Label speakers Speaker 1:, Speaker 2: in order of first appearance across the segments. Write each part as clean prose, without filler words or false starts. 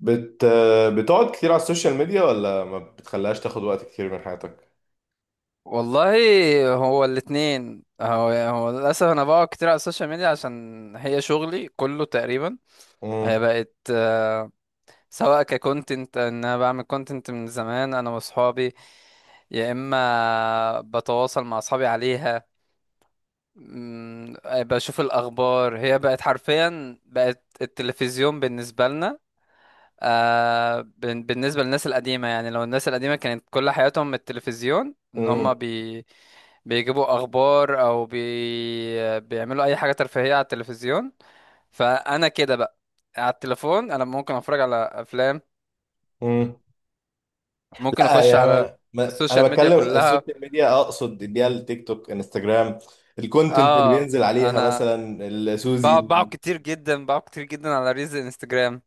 Speaker 1: بت بتقعد كتير على السوشيال ميديا ولا ما بتخليهاش تاخد وقت كتير من حياتك؟
Speaker 2: والله، هو الاتنين يعني للأسف أنا بقعد كتير على السوشيال ميديا عشان هي شغلي كله تقريبا. هي
Speaker 1: مم.
Speaker 2: بقت سواء ككونتنت إن أنا بعمل كونتنت من زمان أنا وأصحابي، يا إما بتواصل مع أصحابي عليها. بشوف الأخبار. هي بقت حرفيا بقت التلفزيون بالنسبة لنا. بالنسبة للناس القديمة، يعني لو الناس القديمة كانت كل حياتهم التلفزيون، ان هم
Speaker 1: مم.
Speaker 2: بيجيبوا اخبار او بيعملوا اي حاجة ترفيهية على التلفزيون. فانا كده بقى على التليفون، انا ممكن اتفرج على افلام،
Speaker 1: مم.
Speaker 2: ممكن
Speaker 1: لا
Speaker 2: اخش
Speaker 1: يا
Speaker 2: على
Speaker 1: ما. ما انا
Speaker 2: السوشيال ميديا
Speaker 1: بتكلم
Speaker 2: كلها.
Speaker 1: السوشيال ميديا، اقصد اللي هي التيك توك انستجرام الكونتنت اللي
Speaker 2: اه،
Speaker 1: بينزل عليها
Speaker 2: انا
Speaker 1: مثلا السوزي.
Speaker 2: بقعد كتير جدا على ريلز انستجرام.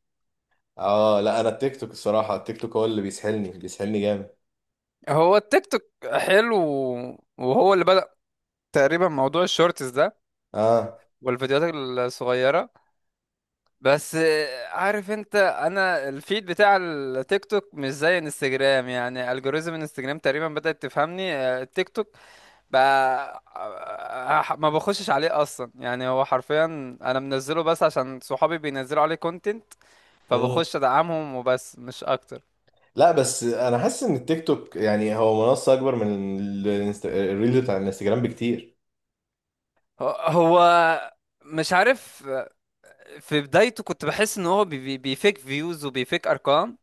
Speaker 1: اه لا انا التيك توك، الصراحة التيك توك هو اللي بيسحلني جامد.
Speaker 2: هو التيك توك حلو، وهو اللي بدأ تقريبا موضوع الشورتس ده
Speaker 1: اه.
Speaker 2: والفيديوهات الصغيرة. بس عارف انت، انا الفيد بتاع التيك توك مش زي انستجرام، يعني الجوريزم انستجرام تقريبا بدأت تفهمني. التيك توك بقى ما بخشش عليه اصلا، يعني هو حرفيا انا منزله بس عشان صحابي بينزلوا عليه كونتنت،
Speaker 1: مم.
Speaker 2: فبخش ادعمهم وبس مش اكتر.
Speaker 1: لا بس انا حاسس ان التيك توك يعني هو منصة اكبر من الريلز بتاع الانستجرام بكتير.
Speaker 2: هو مش عارف، في بدايته كنت بحس ان هو بيفيك فيوز وبيفيك ارقام.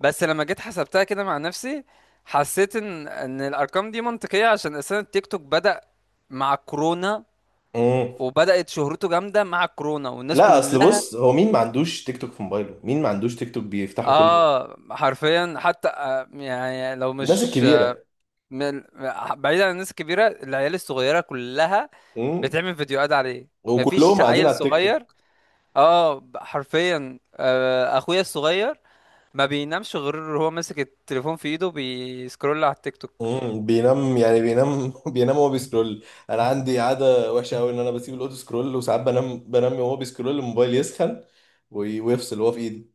Speaker 2: بس لما جيت حسبتها كده مع نفسي، حسيت ان الارقام دي منطقية عشان اساسا التيك توك بدأ مع كورونا،
Speaker 1: مم.
Speaker 2: وبدأت شهرته جامدة مع كورونا والناس
Speaker 1: لا اصل
Speaker 2: كلها.
Speaker 1: بص، هو مين ما عندوش تيك توك في موبايله، مين ما عندوش تيك توك بيفتحه كل يوم؟
Speaker 2: اه حرفيا، حتى يعني لو
Speaker 1: الناس
Speaker 2: مش
Speaker 1: الكبيره.
Speaker 2: من- بعيد عن الناس الكبيرة، العيال الصغيرة كلها
Speaker 1: امم.
Speaker 2: بتعمل فيديوهات عليه، مفيش
Speaker 1: وكلهم قاعدين
Speaker 2: عيل
Speaker 1: على التيك
Speaker 2: صغير.
Speaker 1: توك.
Speaker 2: اه حرفيا، اخويا الصغير ما بينامش غير هو ماسك التليفون في ايده بيسكرول على التيك توك.
Speaker 1: امم، بينام يعني بينام بينام وهو بيسكرول. انا عندي عاده وحشه قوي ان انا بسيب الاوتو سكرول وساعات بنام وهو بيسكرول، الموبايل يسخن وي- ويفصل وهو في ايدي.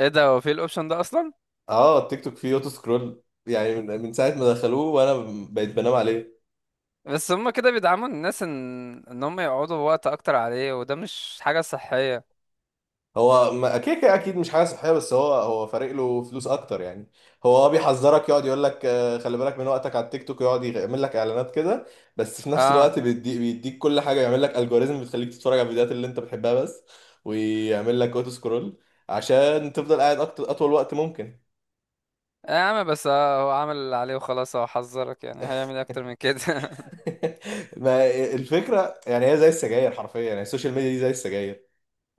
Speaker 2: ايه ده، هو في الاوبشن ده اصلا؟
Speaker 1: اه التيك توك فيه اوتو سكرول، يعني من ساعه ما دخلوه وانا بقيت بنام عليه.
Speaker 2: بس هما كده بيدعموا الناس ان هم يقعدوا وقت اكتر عليه، وده مش حاجة صحية.
Speaker 1: هو كده كده اكيد مش حاجه صحيه، بس هو فارق له فلوس اكتر يعني. هو اه بيحذرك، يقعد يقول لك خلي بالك من وقتك على التيك توك، يقعد يعمل لك اعلانات كده، بس في نفس
Speaker 2: اه.
Speaker 1: الوقت بيديك كل حاجه، يعمل لك الجوريزم بتخليك تتفرج على الفيديوهات اللي انت بتحبها بس، ويعمل لك اوتو سكرول عشان تفضل قاعد أكتر، اطول وقت ممكن.
Speaker 2: يا عم بس هو عمل اللي عليه وخلاص، هو حذرك، يعني هيعمل إيه اكتر من كده
Speaker 1: ما الفكره يعني هي زي السجاير حرفيا، يعني السوشيال ميديا دي زي السجاير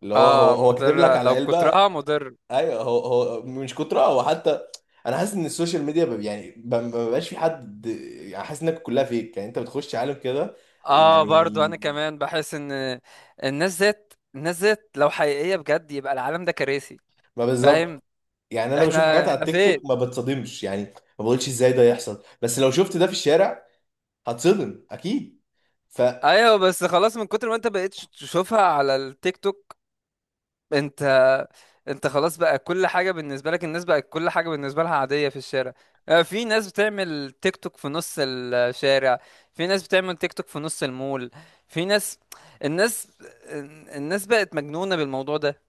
Speaker 1: اللي هو
Speaker 2: اه،
Speaker 1: هو هو
Speaker 2: مضر
Speaker 1: كاتب لك على
Speaker 2: لو
Speaker 1: علبه.
Speaker 2: كترها مضر.
Speaker 1: ايوه، هو مش كتر، هو حتى انا حاسس ان السوشيال ميديا ما بقاش في حد، يعني حاسس انك كلها فيك، يعني انت بتخش عالم كده
Speaker 2: اه
Speaker 1: يعني.
Speaker 2: برضو انا كمان بحس ان الناس ذات لو حقيقية بجد يبقى العالم ده كراسي.
Speaker 1: ما
Speaker 2: فاهم.
Speaker 1: بالظبط، يعني انا بشوف
Speaker 2: احنا
Speaker 1: حاجات على
Speaker 2: احنا
Speaker 1: التيك
Speaker 2: فين؟
Speaker 1: توك ما بتصدمش، يعني ما بقولش ازاي ده يحصل، بس لو شفت ده في الشارع هتصدم اكيد. ف
Speaker 2: ايوه بس خلاص من كتر ما انت بقيت تشوفها على التيك توك، انت انت خلاص بقى كل حاجه بالنسبه لك، الناس بقت كل حاجه بالنسبه لها عاديه في الشارع. في ناس بتعمل تيك توك في نص الشارع، في ناس بتعمل تيك توك في نص المول، في ناس، الناس الناس بقت مجنونه بالموضوع ده.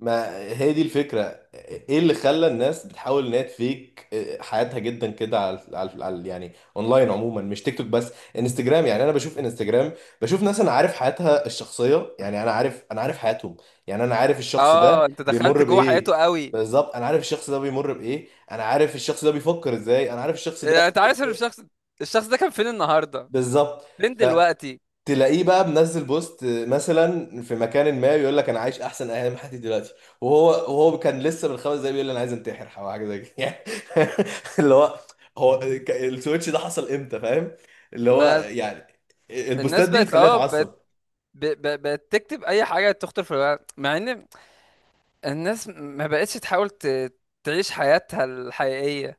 Speaker 1: ما هي دي الفكرة، ايه اللي خلى الناس بتحاول ان هي تفيك حياتها جدا كده يعني اونلاين عموما، مش تيك توك بس، انستجرام يعني. انا بشوف انستجرام، بشوف ناس انا عارف حياتها الشخصية، يعني انا عارف حياتهم، يعني انا عارف الشخص ده
Speaker 2: اه انت دخلت
Speaker 1: بيمر
Speaker 2: جوه حياته
Speaker 1: بايه.
Speaker 2: قوي.
Speaker 1: بالظبط، انا عارف الشخص ده بيمر بايه، انا عارف الشخص ده بيفكر ازاي، انا عارف الشخص ده.
Speaker 2: انت عارف الشخص، الشخص ده كان فين النهارده،
Speaker 1: بالظبط.
Speaker 2: فين دلوقتي؟
Speaker 1: تلاقيه بقى منزل بوست مثلا في مكان ما، يقول لك انا عايش احسن ايام حياتي دلوقتي، وهو كان لسه من 5 دقايق بيقول لي انا عايز انتحر او حاجه زي كده يعني، اللي هو، السويتش ده حصل امتى؟ فاهم؟ اللي هو
Speaker 2: ما
Speaker 1: يعني البوستات
Speaker 2: الناس
Speaker 1: دي
Speaker 2: بقت
Speaker 1: بتخليها
Speaker 2: اه، ب...
Speaker 1: اتعصب.
Speaker 2: ب... بتكتب اي حاجه تخطر في الورق، مع ان الناس ما بقتش تحاول تعيش حياتها الحقيقيه.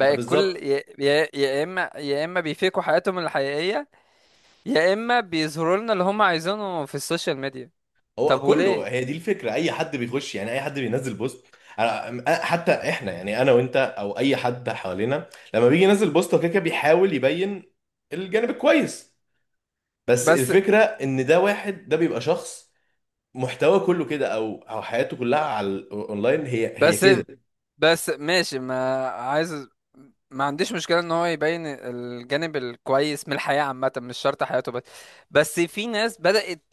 Speaker 1: ما
Speaker 2: كل
Speaker 1: بالظبط،
Speaker 2: يا اما بيفيكوا حياتهم الحقيقيه، يا اما بيظهروا لنا اللي هم عايزينه في السوشيال ميديا. طب
Speaker 1: هو كله
Speaker 2: وليه؟
Speaker 1: هي دي الفكره، اي حد بيخش يعني اي حد بينزل بوست، حتى احنا يعني انا وانت او اي حد حوالينا، لما بيجي ينزل بوست هو كده كده بيحاول يبين الجانب الكويس، بس
Speaker 2: بس
Speaker 1: الفكرة ان ده واحد، ده بيبقى شخص محتواه كله كده، او حياته كلها على الاونلاين هي
Speaker 2: بس
Speaker 1: كده.
Speaker 2: بس ماشي، ما عايز، ما عنديش مشكلة ان هو يبين الجانب الكويس من الحياة عامة، مش شرط حياته بس. بس في ناس بدأت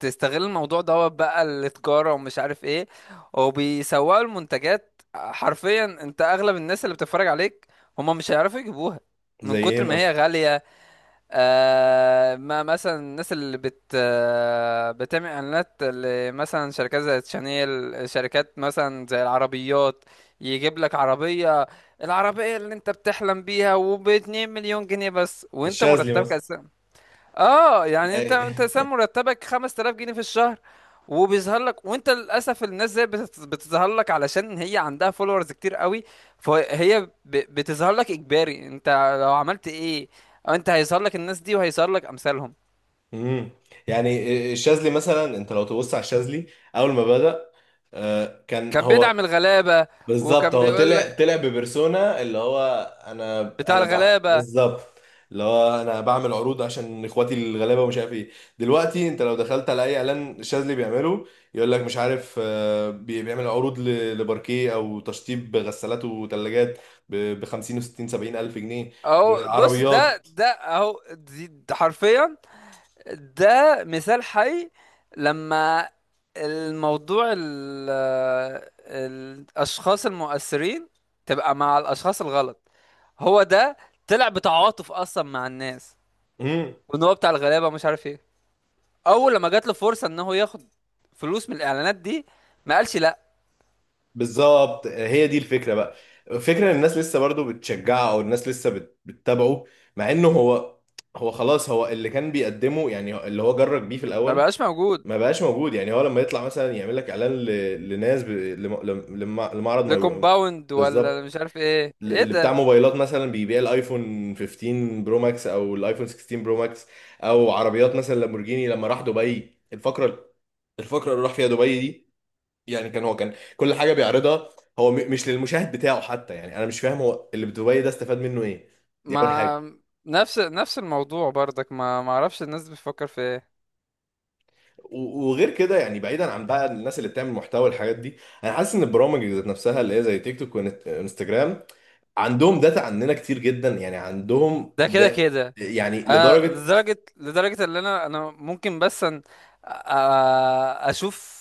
Speaker 2: تستغل الموضوع دوت، بقى التجارة ومش عارف ايه، وبيسوقوا المنتجات. حرفيا انت اغلب الناس اللي بتتفرج عليك هما مش هيعرفوا يجيبوها
Speaker 1: زي
Speaker 2: من
Speaker 1: ايه
Speaker 2: كتر ما هي
Speaker 1: مثلا؟
Speaker 2: غالية. آه ما مثلا الناس اللي بت آه بتعمل اعلانات، مثلا شركات زي شانيل، شركات مثلا زي العربيات. يجيب لك عربية، العربية اللي انت بتحلم بيها وباتنين مليون جنيه بس، وانت
Speaker 1: الشاذلي
Speaker 2: مرتبك.
Speaker 1: مثلا.
Speaker 2: اه يعني انت سام مرتبك 5000 جنيه في الشهر، وبيظهر لك، وانت للاسف الناس زي بتظهر لك علشان هي عندها فولورز كتير قوي، فهي بتظهر لك اجباري. انت لو عملت ايه، انت هيظهر لك الناس دي وهيظهر لك امثالهم.
Speaker 1: امم، يعني الشاذلي مثلا، انت لو تبص على الشاذلي اول ما بدأ، كان
Speaker 2: كان
Speaker 1: هو.
Speaker 2: بيدعم الغلابة،
Speaker 1: بالظبط،
Speaker 2: وكان
Speaker 1: هو
Speaker 2: بيقول
Speaker 1: طلع
Speaker 2: لك
Speaker 1: طلع ببرسونا اللي هو انا،
Speaker 2: بتاع الغلابة.
Speaker 1: بالظبط، اللي هو انا بعمل عروض عشان اخواتي الغلابه ومش عارف ايه. دلوقتي انت لو دخلت على اي اعلان شاذلي بيعمله، يقول لك مش عارف، بيعمل عروض لباركيه او تشطيب غسالات وثلاجات ب 50 و 60 70 الف جنيه
Speaker 2: اهو بص، ده
Speaker 1: وعربيات.
Speaker 2: ده اهو دي ده حرفيا ده مثال حي. لما الموضوع الأشخاص المؤثرين تبقى مع الأشخاص الغلط، هو ده. طلع بتعاطف أصلا مع الناس، وإن هو بتاع الغلابة مش عارف إيه، أول لما جات له فرصة إن هو ياخد فلوس من الإعلانات دي، ما قالش لأ.
Speaker 1: بالظبط هي دي الفكره بقى. الفكره ان الناس لسه برضو بتشجعه، او الناس لسه بتتابعه، مع انه هو، هو خلاص هو اللي كان بيقدمه يعني، اللي هو جرب بيه في
Speaker 2: ما
Speaker 1: الاول،
Speaker 2: بقاش موجود.
Speaker 1: ما بقاش موجود. يعني هو لما يطلع مثلا يعمل لك اعلان ل- لناس ب... لم... لم... لم- لمعرض، ما يبقى-
Speaker 2: لكومباوند ولا
Speaker 1: بالظبط،
Speaker 2: مش عارف إيه إيه
Speaker 1: اللي بتاع
Speaker 2: ده.
Speaker 1: موبايلات مثلا، بيبيع الايفون 15 برو ماكس او الايفون 16 برو ماكس، او عربيات مثلا لامبورجيني. لما راح دبي الفقره، الفقره اللي راح فيها دبي دي، يعني كان هو كان كل حاجه بيعرضها هو مش للمشاهد بتاعه حتى. يعني انا مش فاهم، هو اللي بدبي ده استفاد منه ايه؟ دي اول حاجه.
Speaker 2: ما نفس الموضوع برضك، ما اعرفش الناس بتفكر في ايه.
Speaker 1: و- وغير كده يعني بعيدا عن بقى الناس اللي بتعمل محتوى والحاجات دي، انا حاسس ان البرامج ذات نفسها اللي هي زي تيك توك وانستجرام، عندهم داتا عننا كتير جدا، يعني عندهم
Speaker 2: ده كده
Speaker 1: ده
Speaker 2: كده
Speaker 1: يعني
Speaker 2: انا،
Speaker 1: لدرجه.
Speaker 2: لدرجه ان انا ممكن بس أن اشوف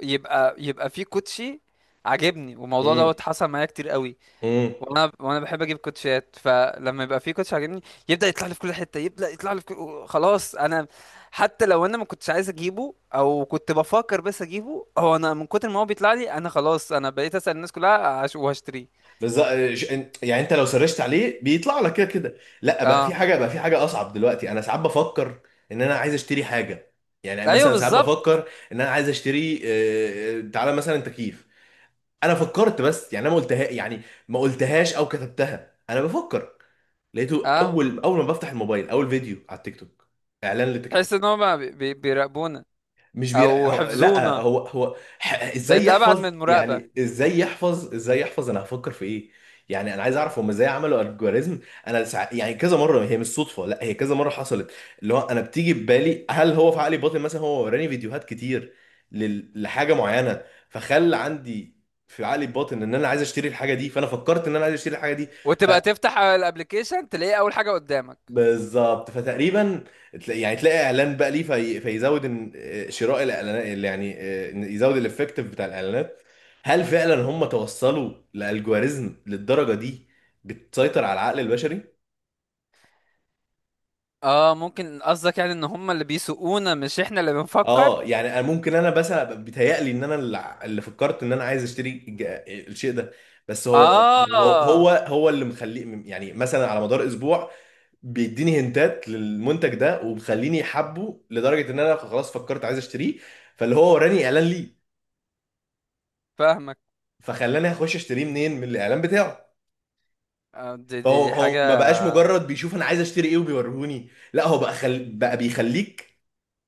Speaker 2: يبقى في كوتشي عاجبني، والموضوع
Speaker 1: مم.
Speaker 2: دوت حصل معايا كتير قوي.
Speaker 1: مم.
Speaker 2: وانا بحب اجيب كوتشيات، فلما يبقى في كوتش عاجبني يبدا يطلع لي في كل حته، يبدا يطلع لي في كل... خلاص انا حتى لو انا ما كنتش عايز اجيبه او كنت بفكر بس اجيبه، هو انا من كتر ما هو بيطلع لي انا خلاص انا بقيت اسال الناس كلها وهشتريه.
Speaker 1: بز... يعني انت لو سرشت عليه بيطلع لك كده كده، لا بقى في
Speaker 2: اه.
Speaker 1: حاجه، بقى في حاجه اصعب. دلوقتي انا ساعات بفكر ان انا عايز اشتري حاجه، يعني
Speaker 2: ايوه
Speaker 1: مثلا ساعات بفكر
Speaker 2: بالظبط.
Speaker 1: ان انا عايز اشتري، تعالى مثلا تكييف، انا فكرت بس يعني انا ما قلتها يعني، ما قلتهاش او كتبتها، انا بفكر، لقيته
Speaker 2: اه
Speaker 1: اول ما بفتح الموبايل اول فيديو على التيك توك اعلان للتكييفات.
Speaker 2: تحس ان هم بيراقبونا
Speaker 1: مش بير...
Speaker 2: او
Speaker 1: هو... لا
Speaker 2: حفظونا،
Speaker 1: هو هو ح... ازاي
Speaker 2: بقت ابعد من
Speaker 1: يحفظ؟
Speaker 2: المراقبه.
Speaker 1: يعني ازاي يحفظ انا هفكر في ايه؟ يعني انا عايز اعرف هم ازاي عملوا الجوريزم. يعني كذا مره، هي مش صدفه، لا هي كذا مره حصلت، اللي هو انا بتيجي ببالي هل هو في عقلي باطن، مثلا هو وراني فيديوهات كتير لحاجه معينه، فخلى عندي في عقلي الباطن ان انا عايز اشتري الحاجه دي، فانا فكرت ان انا عايز اشتري الحاجه دي. ف...
Speaker 2: وتبقى تفتح الابلكيشن تلاقيه اول حاجه قدامك.
Speaker 1: بالظبط، فتقريبا تلاقي يعني تلاقي اعلان بقى ليه في، فيزود شراء الاعلانات اللي يعني، إن يزود الافكتيف بتاع الاعلانات. هل فعلا هم توصلوا لالجوريزم للدرجه دي بتسيطر على العقل البشري؟
Speaker 2: اه ممكن قصدك يعني ان هم اللي بيسوقونا مش احنا اللي بنفكر.
Speaker 1: اه يعني انا ممكن انا بس بيتهيألي ان انا اللي فكرت ان انا عايز اشتري الشيء ده، بس هو هو
Speaker 2: اه
Speaker 1: هو هو اللي مخليه، يعني مثلا على مدار اسبوع بيديني هنتات للمنتج ده، وبخليني حبه لدرجه ان انا خلاص فكرت عايز اشتريه، فاللي هو وراني اعلان ليه،
Speaker 2: فاهمك.
Speaker 1: فخلاني اخش اشتريه منين؟ من الاعلان بتاعه.
Speaker 2: آه دي,
Speaker 1: فهو
Speaker 2: دي دي حاجه.
Speaker 1: هو ما بقاش مجرد بيشوف انا عايز اشتري ايه وبيوريهوني، لا هو بقى بيخليك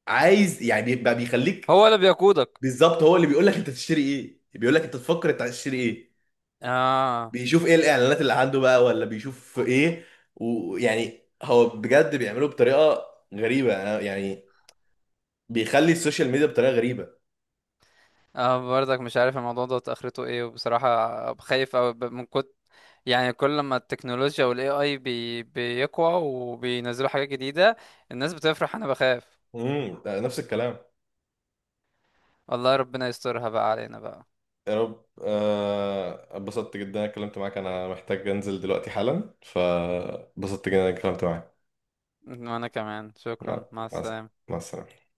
Speaker 1: عايز، يعني بقى بيخليك.
Speaker 2: هو اللي بيقودك.
Speaker 1: بالظبط، هو اللي بيقول لك انت تشتري ايه، بيقول لك انت تفكر انت هتشتري ايه،
Speaker 2: اه.
Speaker 1: بيشوف ايه الاعلانات اللي عنده بقى، ولا بيشوف ايه. ويعني هو بجد بيعمله بطريقه غريبه، أنا يعني بيخلي السوشيال ميديا بطريقه غريبه.
Speaker 2: اه برضك مش عارف الموضوع ده اخرته ايه، وبصراحه خايف أوي من كنت، يعني كل ما التكنولوجيا والاي اي بي بيقوى وبينزلوا حاجات جديده الناس بتفرح انا بخاف.
Speaker 1: امم، ده نفس الكلام.
Speaker 2: والله ربنا يسترها بقى علينا بقى.
Speaker 1: يا رب. اتبسطت جدا إني اتكلمت معاك، انا محتاج انزل دلوقتي حالا، فبسطت جدا إني اتكلمت معاك.
Speaker 2: وأنا كمان،
Speaker 1: مع
Speaker 2: شكرا، مع
Speaker 1: مع
Speaker 2: السلامة.
Speaker 1: مع السلامه.